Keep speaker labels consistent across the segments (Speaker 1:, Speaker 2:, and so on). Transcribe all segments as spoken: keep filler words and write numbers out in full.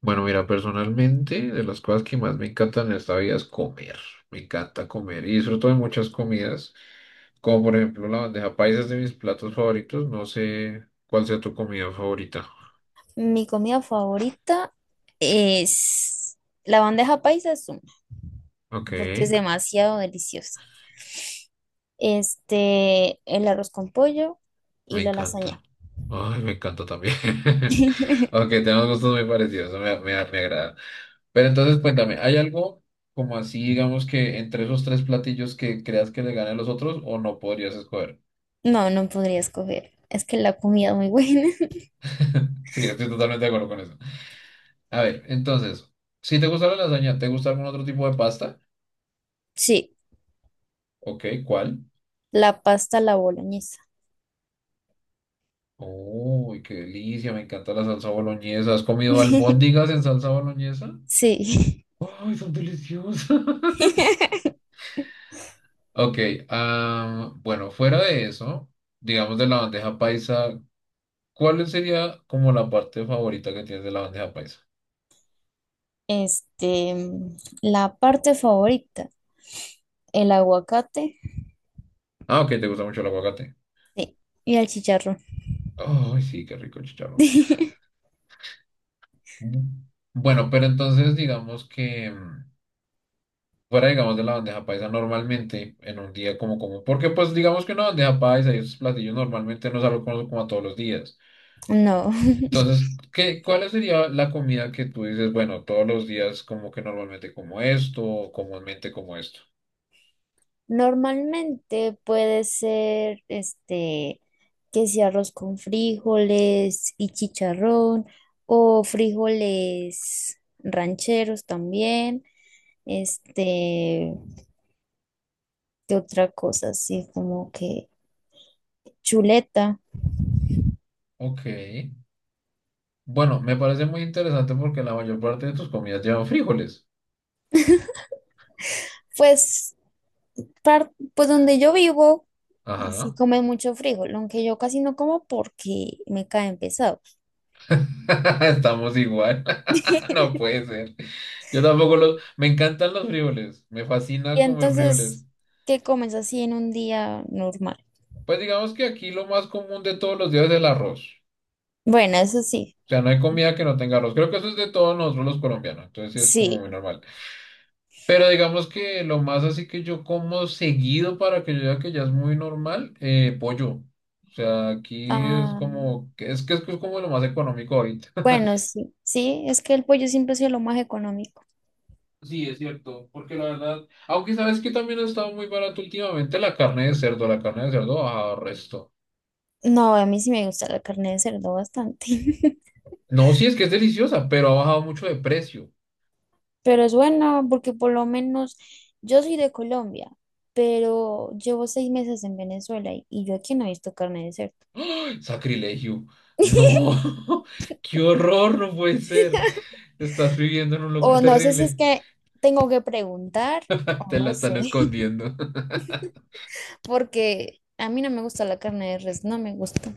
Speaker 1: Bueno, mira, personalmente, de las cosas que más me encantan en esta vida es comer. Me encanta comer y disfruto de muchas comidas, como por ejemplo la bandeja paisa es de mis platos favoritos. No sé cuál sea tu comida favorita.
Speaker 2: Mi comida favorita es la bandeja paisa, es una,
Speaker 1: Ok,
Speaker 2: porque es demasiado deliciosa. Este, el arroz con pollo y
Speaker 1: me
Speaker 2: la
Speaker 1: encanta.
Speaker 2: lasaña.
Speaker 1: Ay, me encanta también. Ok, tenemos gustos muy parecidos, eso me, me, me agrada. Pero entonces cuéntame, ¿hay algo como así, digamos que entre esos tres platillos que creas que le ganen los otros o no podrías escoger?
Speaker 2: No, no podría escoger. Es que la comida es muy buena.
Speaker 1: Sí, estoy totalmente de acuerdo con eso. A ver, entonces, si te gusta la lasaña, ¿te gusta algún otro tipo de pasta?
Speaker 2: Sí,
Speaker 1: Ok, ¿cuál?
Speaker 2: la pasta, a la boloñesa.
Speaker 1: Uy, qué delicia, me encanta la salsa boloñesa. ¿Has comido albóndigas en salsa boloñesa?
Speaker 2: Sí.
Speaker 1: Ay, son deliciosas. Ok, ah, bueno, fuera de eso, digamos de la bandeja paisa, ¿cuál sería como la parte favorita que tienes de la bandeja paisa?
Speaker 2: Este, la parte favorita, el aguacate,
Speaker 1: Ah, ok, ¿te gusta mucho el aguacate?
Speaker 2: sí, y el chicharrón.
Speaker 1: Ay, sí, qué rico el chicharrón. Bu- Bueno, pero entonces digamos que... mm, fuera, digamos, de la bandeja paisa normalmente en un día como común. Porque, pues, digamos que una bandeja paisa y esos platillos normalmente no salgo algo como, como a todos los días.
Speaker 2: No.
Speaker 1: Entonces, ¿qué, cuál sería la comida que tú dices, bueno, todos los días como que normalmente como esto o comúnmente como esto?
Speaker 2: Normalmente puede ser este que sea arroz con frijoles y chicharrón o frijoles rancheros también. Este, ¿Qué otra cosa? Así como que chuleta.
Speaker 1: Ok. Bueno, me parece muy interesante porque la mayor parte de tus comidas llevan frijoles.
Speaker 2: Pues, par- pues donde yo vivo, sí
Speaker 1: Ajá.
Speaker 2: comen mucho frijol, aunque yo casi no como porque me caen pesados.
Speaker 1: Estamos igual. No puede ser. Yo tampoco los... Me encantan los frijoles. Me
Speaker 2: Y
Speaker 1: fascina comer frijoles.
Speaker 2: entonces, ¿qué comes así en un día normal?
Speaker 1: Pues digamos que aquí lo más común de todos los días es el arroz.
Speaker 2: Bueno, eso sí.
Speaker 1: O sea, no hay comida que no tenga arroz. Creo que eso es de todos nosotros los colombianos. Entonces sí es como
Speaker 2: Sí,
Speaker 1: muy normal. Pero digamos que lo más así que yo como seguido para que yo diga que ya es muy normal, eh, pollo. O sea, aquí es
Speaker 2: ah,
Speaker 1: como, que- es que es como lo más económico ahorita.
Speaker 2: bueno, sí, sí, es que el pollo siempre ha sido lo más económico.
Speaker 1: Sí, es cierto, porque la verdad, aunque sabes que también ha estado muy barato últimamente la carne de cerdo, la carne de cerdo ha bajado resto.
Speaker 2: No, a mí sí me gusta la carne de cerdo bastante.
Speaker 1: No, sí es que es deliciosa, pero ha bajado mucho de precio.
Speaker 2: Pero es buena porque por lo menos yo soy de Colombia, pero llevo seis meses en Venezuela y, y yo aquí no he visto carne de cerdo.
Speaker 1: Sacrilegio. No, qué horror, no puede ser. Estás viviendo en un lugar
Speaker 2: O no sé si es
Speaker 1: terrible.
Speaker 2: que tengo que preguntar o
Speaker 1: Te la
Speaker 2: no
Speaker 1: están
Speaker 2: sé.
Speaker 1: escondiendo.
Speaker 2: Porque a mí no me gusta la carne de res, no me gusta.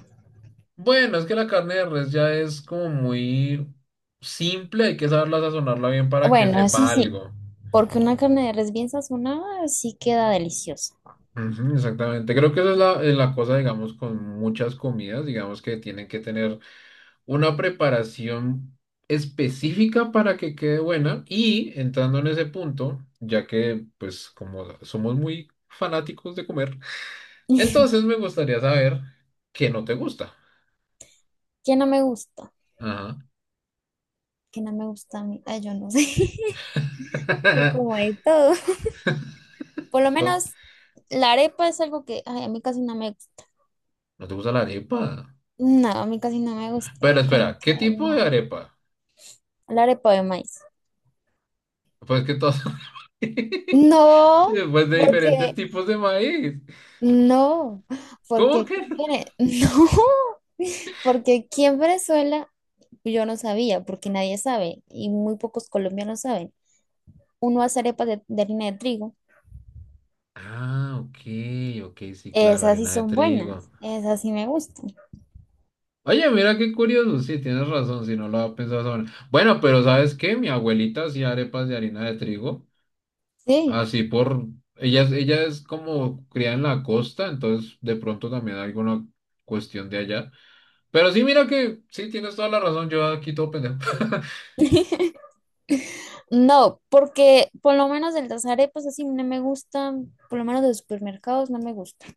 Speaker 1: Bueno, es que la carne de res ya es como muy simple. Hay que saberla sazonarla bien para que
Speaker 2: Bueno, eso
Speaker 1: sepa
Speaker 2: sí,
Speaker 1: algo.
Speaker 2: porque una carne de res bien sazonada sí queda deliciosa.
Speaker 1: Ujú, exactamente. Creo que esa es la, es la cosa, digamos, con muchas comidas, digamos, que tienen que tener una preparación específica para que quede buena y entrando en ese punto, ya que pues como somos muy fanáticos de comer, entonces me gustaría saber qué no te gusta.
Speaker 2: ¿Qué no me gusta?
Speaker 1: Ajá.
Speaker 2: ¿Qué no me gusta a mí? Ay, yo no sé. Yo como de todo. Por lo
Speaker 1: Oh.
Speaker 2: menos la arepa es algo que ay, a mí casi no me gusta.
Speaker 1: ¿No te gusta la arepa?
Speaker 2: No, a mí casi no me
Speaker 1: Pero
Speaker 2: gusta. Como
Speaker 1: espera,
Speaker 2: que
Speaker 1: ¿qué tipo de
Speaker 2: no.
Speaker 1: arepa?
Speaker 2: La arepa de maíz.
Speaker 1: Pues que todas son maíz.
Speaker 2: No,
Speaker 1: Después de diferentes
Speaker 2: porque
Speaker 1: tipos de maíz.
Speaker 2: no, porque
Speaker 1: ¿Cómo
Speaker 2: aquí
Speaker 1: que no?
Speaker 2: en Vene- no, porque aquí en Venezuela yo no sabía, porque nadie sabe y muy pocos colombianos saben. Uno hace arepas de, de harina de trigo.
Speaker 1: Ah, ok, ok, sí, claro,
Speaker 2: Esas sí
Speaker 1: harina de
Speaker 2: son
Speaker 1: trigo.
Speaker 2: buenas, esas sí me gustan.
Speaker 1: Oye, mira qué curioso, sí, tienes razón, si no lo había pensado sobre. Bueno, pero ¿sabes qué? Mi abuelita hacía arepas de harina de trigo,
Speaker 2: Sí.
Speaker 1: así por... Ella, es- ella es como criada en la costa, entonces de pronto también hay alguna cuestión de allá. Pero sí, mira que sí, tienes toda la razón, yo aquí todo pendejo.
Speaker 2: No, porque por lo menos el las arepas así no me gustan, por lo menos de los supermercados no me gustan,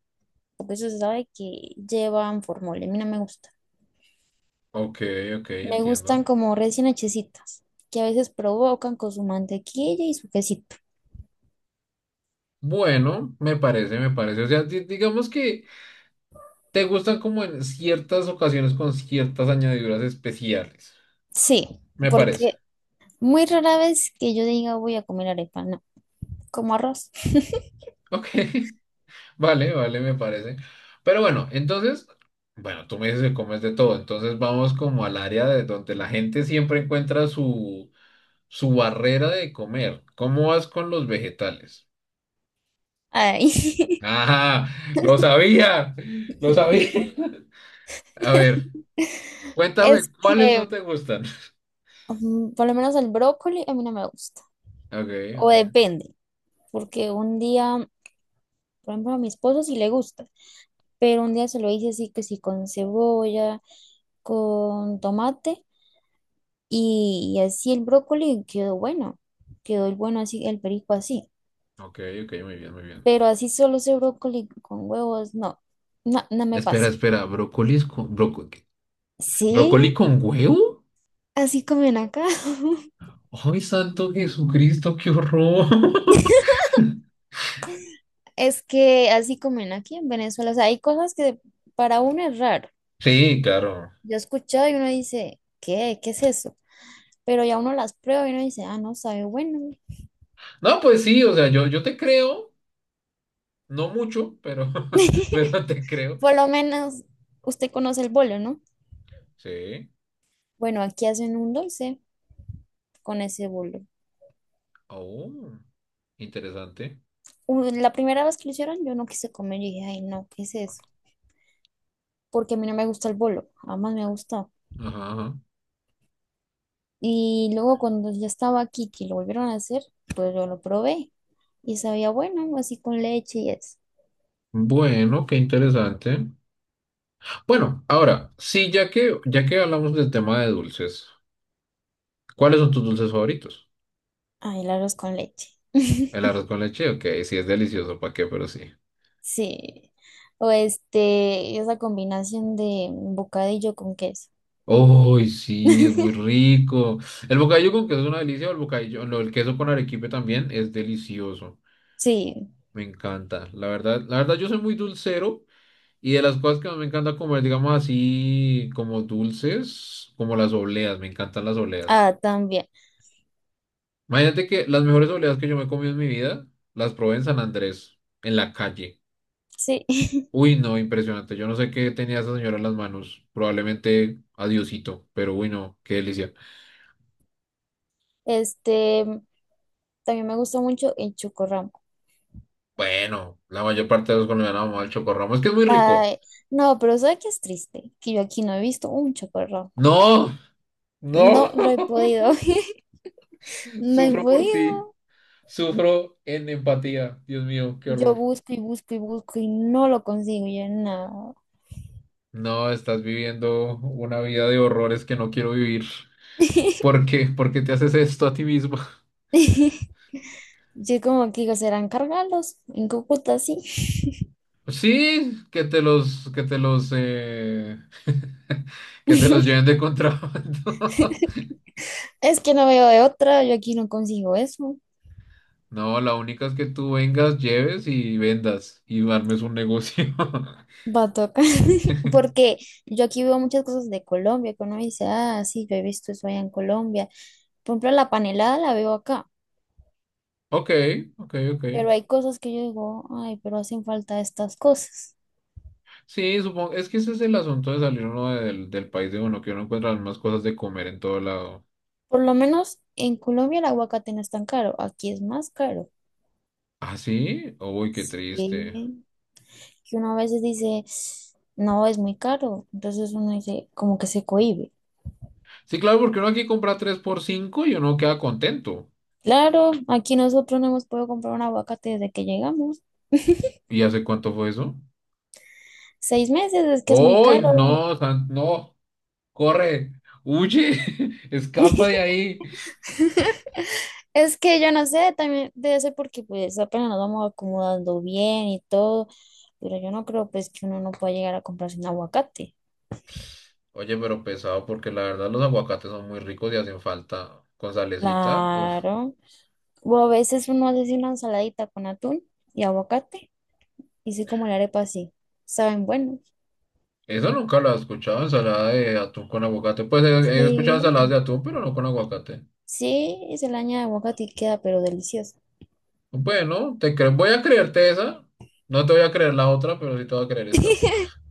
Speaker 2: porque eso se sabe que llevan formol, a mí no me gusta.
Speaker 1: Ok, ok,
Speaker 2: Me
Speaker 1: entiendo.
Speaker 2: gustan como recién hechecitas, que a veces provocan con su mantequilla y su quesito.
Speaker 1: Bueno, me parece, me parece. O sea, di- digamos que te gustan como en ciertas ocasiones con ciertas añadiduras especiales.
Speaker 2: Sí,
Speaker 1: Me parece.
Speaker 2: porque muy rara vez que yo diga voy a comer arepa, no, como arroz.
Speaker 1: Ok. Vale, vale, me parece. Pero bueno, entonces, bueno, tú me dices que comes de todo, entonces vamos como al área de donde la gente siempre encuentra su, su, barrera de comer. ¿Cómo vas con los vegetales?
Speaker 2: Ay.
Speaker 1: ¡Ah! ¡Lo sabía! ¡Lo sabía! A ver,
Speaker 2: Es
Speaker 1: cuéntame, ¿cuáles no
Speaker 2: que
Speaker 1: te gustan?
Speaker 2: mm, por lo menos el brócoli a mí no me gusta,
Speaker 1: Ok,
Speaker 2: o
Speaker 1: ok,
Speaker 2: depende, porque un día por ejemplo, a mi esposo sí le gusta, pero un día se lo hice así que sí con cebolla, con tomate y, y así el brócoli quedó bueno, quedó el bueno así, el perico así,
Speaker 1: ok, ok, muy bien, muy bien.
Speaker 2: pero así solo ese brócoli con huevos, no, no, no me
Speaker 1: Espera,
Speaker 2: pasa.
Speaker 1: espera, ¿brócolis con, broco- qué?
Speaker 2: Sí,
Speaker 1: ¿Brócoli con huevo?
Speaker 2: así comen acá.
Speaker 1: ¡Ay, santo Jesucristo, qué horror!
Speaker 2: Es que así comen aquí en Venezuela, o sea, hay cosas que para uno es raro.
Speaker 1: Sí, claro.
Speaker 2: Yo he escuchado y uno dice, ¿qué? ¿Qué es eso? Pero ya uno las prueba y uno dice, ah, no, sabe bueno.
Speaker 1: No, pues sí, o sea, yo, yo te creo, no mucho, pero, pero te creo.
Speaker 2: Por lo menos usted conoce el bolo, ¿no?
Speaker 1: Sí.
Speaker 2: Bueno, aquí hacen un dulce con ese bolo.
Speaker 1: Oh, interesante.
Speaker 2: U- la primera vez que lo hicieron, yo no quise comer y dije, ay, no, ¿qué es eso? Porque a mí no me gusta el bolo, jamás me ha gustado.
Speaker 1: Ajá, ajá.
Speaker 2: Y luego cuando ya estaba aquí, que lo volvieron a hacer, pues yo lo probé y sabía bueno, así con leche y eso.
Speaker 1: Bueno, qué interesante. Bueno, ahora, sí, ya que, ya que hablamos del tema de dulces, ¿cuáles son tus dulces favoritos?
Speaker 2: Ay, el arroz con leche.
Speaker 1: El arroz con leche, ok, sí, es delicioso, ¿para qué? Pero sí.
Speaker 2: Sí. O este, esa combinación de bocadillo con queso.
Speaker 1: Uy, sí, es muy rico. El bocadillo con queso es una delicia, o el bocadillo, no, el queso con arequipe también es delicioso.
Speaker 2: Sí.
Speaker 1: Me encanta. La verdad, la verdad, yo soy muy dulcero. Y de las cosas que más me encanta comer, digamos así, como dulces, como las obleas, me encantan las obleas.
Speaker 2: Ah, también.
Speaker 1: Imagínate que las mejores obleas que yo me he comido en mi vida, las probé en San Andrés, en la calle.
Speaker 2: Sí.
Speaker 1: Uy, no, impresionante. Yo no sé qué tenía esa señora en las manos. Probablemente adiosito, pero uy, no, qué delicia.
Speaker 2: Este, también me gustó mucho el chocorramo.
Speaker 1: Bueno, la mayor parte de los colombianos amamos al chocorramo. Es que es muy rico.
Speaker 2: Ay, no, pero ¿sabes qué es triste? Que yo aquí no he visto un chocorramo.
Speaker 1: No, no,
Speaker 2: No lo he podido. No he
Speaker 1: sufro por ti.
Speaker 2: podido.
Speaker 1: Sufro en empatía. Dios mío, qué
Speaker 2: Yo
Speaker 1: horror.
Speaker 2: busco y busco y busco y no lo consigo. Yo no.
Speaker 1: No, estás viviendo una vida de horrores que no quiero vivir. ¿Por qué? ¿Por qué te haces esto a ti mismo?
Speaker 2: Yo como que digo, serán cargalos en Cúcuta, sí.
Speaker 1: Sí, que te los, que te los, eh, que te los lleven de contrabando.
Speaker 2: Es que no veo de otra. Yo aquí no consigo eso.
Speaker 1: No, la única es que tú vengas, lleves y vendas y armes un negocio.
Speaker 2: Va a tocar, porque yo aquí veo muchas cosas de Colombia, que uno dice, ah, sí, yo he visto eso allá en Colombia. Por ejemplo, la panelada la veo acá,
Speaker 1: Ok, ok, ok.
Speaker 2: pero hay cosas que yo digo, ay, pero hacen falta estas cosas.
Speaker 1: Sí, supongo, es que ese es el asunto de salir uno del, del país de uno, que uno encuentra las mismas cosas de comer en todo lado.
Speaker 2: Por lo menos en Colombia el aguacate no es tan caro, aquí es más caro.
Speaker 1: Ah, sí, uy, qué triste.
Speaker 2: Sí, que uno a veces dice, no, es muy caro, entonces uno dice, como que se cohíbe.
Speaker 1: Sí, claro, porque uno aquí compra tres por cinco y uno queda contento.
Speaker 2: Claro, aquí nosotros no hemos podido comprar un aguacate desde que llegamos.
Speaker 1: ¿Y hace cuánto fue eso?
Speaker 2: Seis meses es que es muy
Speaker 1: ¡Ay,
Speaker 2: caro.
Speaker 1: no! San- ¡No! ¡Corre! ¡Huye! ¡Escapa de ahí!
Speaker 2: Es que yo no sé, también debe ser porque pues apenas nos vamos acomodando bien y todo, pero yo no creo pues que uno no pueda llegar a comprarse un aguacate.
Speaker 1: Oye, pero pesado, porque la verdad los aguacates son muy ricos y hacen falta con salecita. Uf.
Speaker 2: Claro. O a veces uno hace así una ensaladita con atún y aguacate, y sí como la arepa así. Saben buenos.
Speaker 1: Eso nunca lo he escuchado, ensalada de atún con aguacate. Pues he, he escuchado
Speaker 2: Sí.
Speaker 1: ensaladas de atún, pero no con aguacate.
Speaker 2: Sí, y se le añade aguacate y queda pero delicioso.
Speaker 1: Bueno, te cre- voy a creerte esa. No te voy a creer la otra, pero sí te voy a creer esta.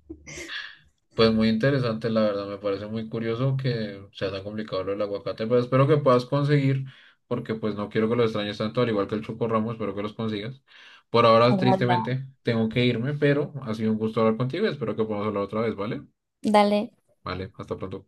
Speaker 1: Pues muy interesante, la verdad, me parece muy curioso que sea tan complicado lo del aguacate, pero espero que puedas conseguir, porque pues no quiero que lo extrañes tanto, al igual que el Choco Ramos, espero que los consigas. Por ahora,
Speaker 2: Ojalá.
Speaker 1: tristemente, tengo que irme, pero ha sido un gusto hablar contigo y espero que podamos hablar otra vez, ¿vale?
Speaker 2: Dale.
Speaker 1: Vale, hasta pronto.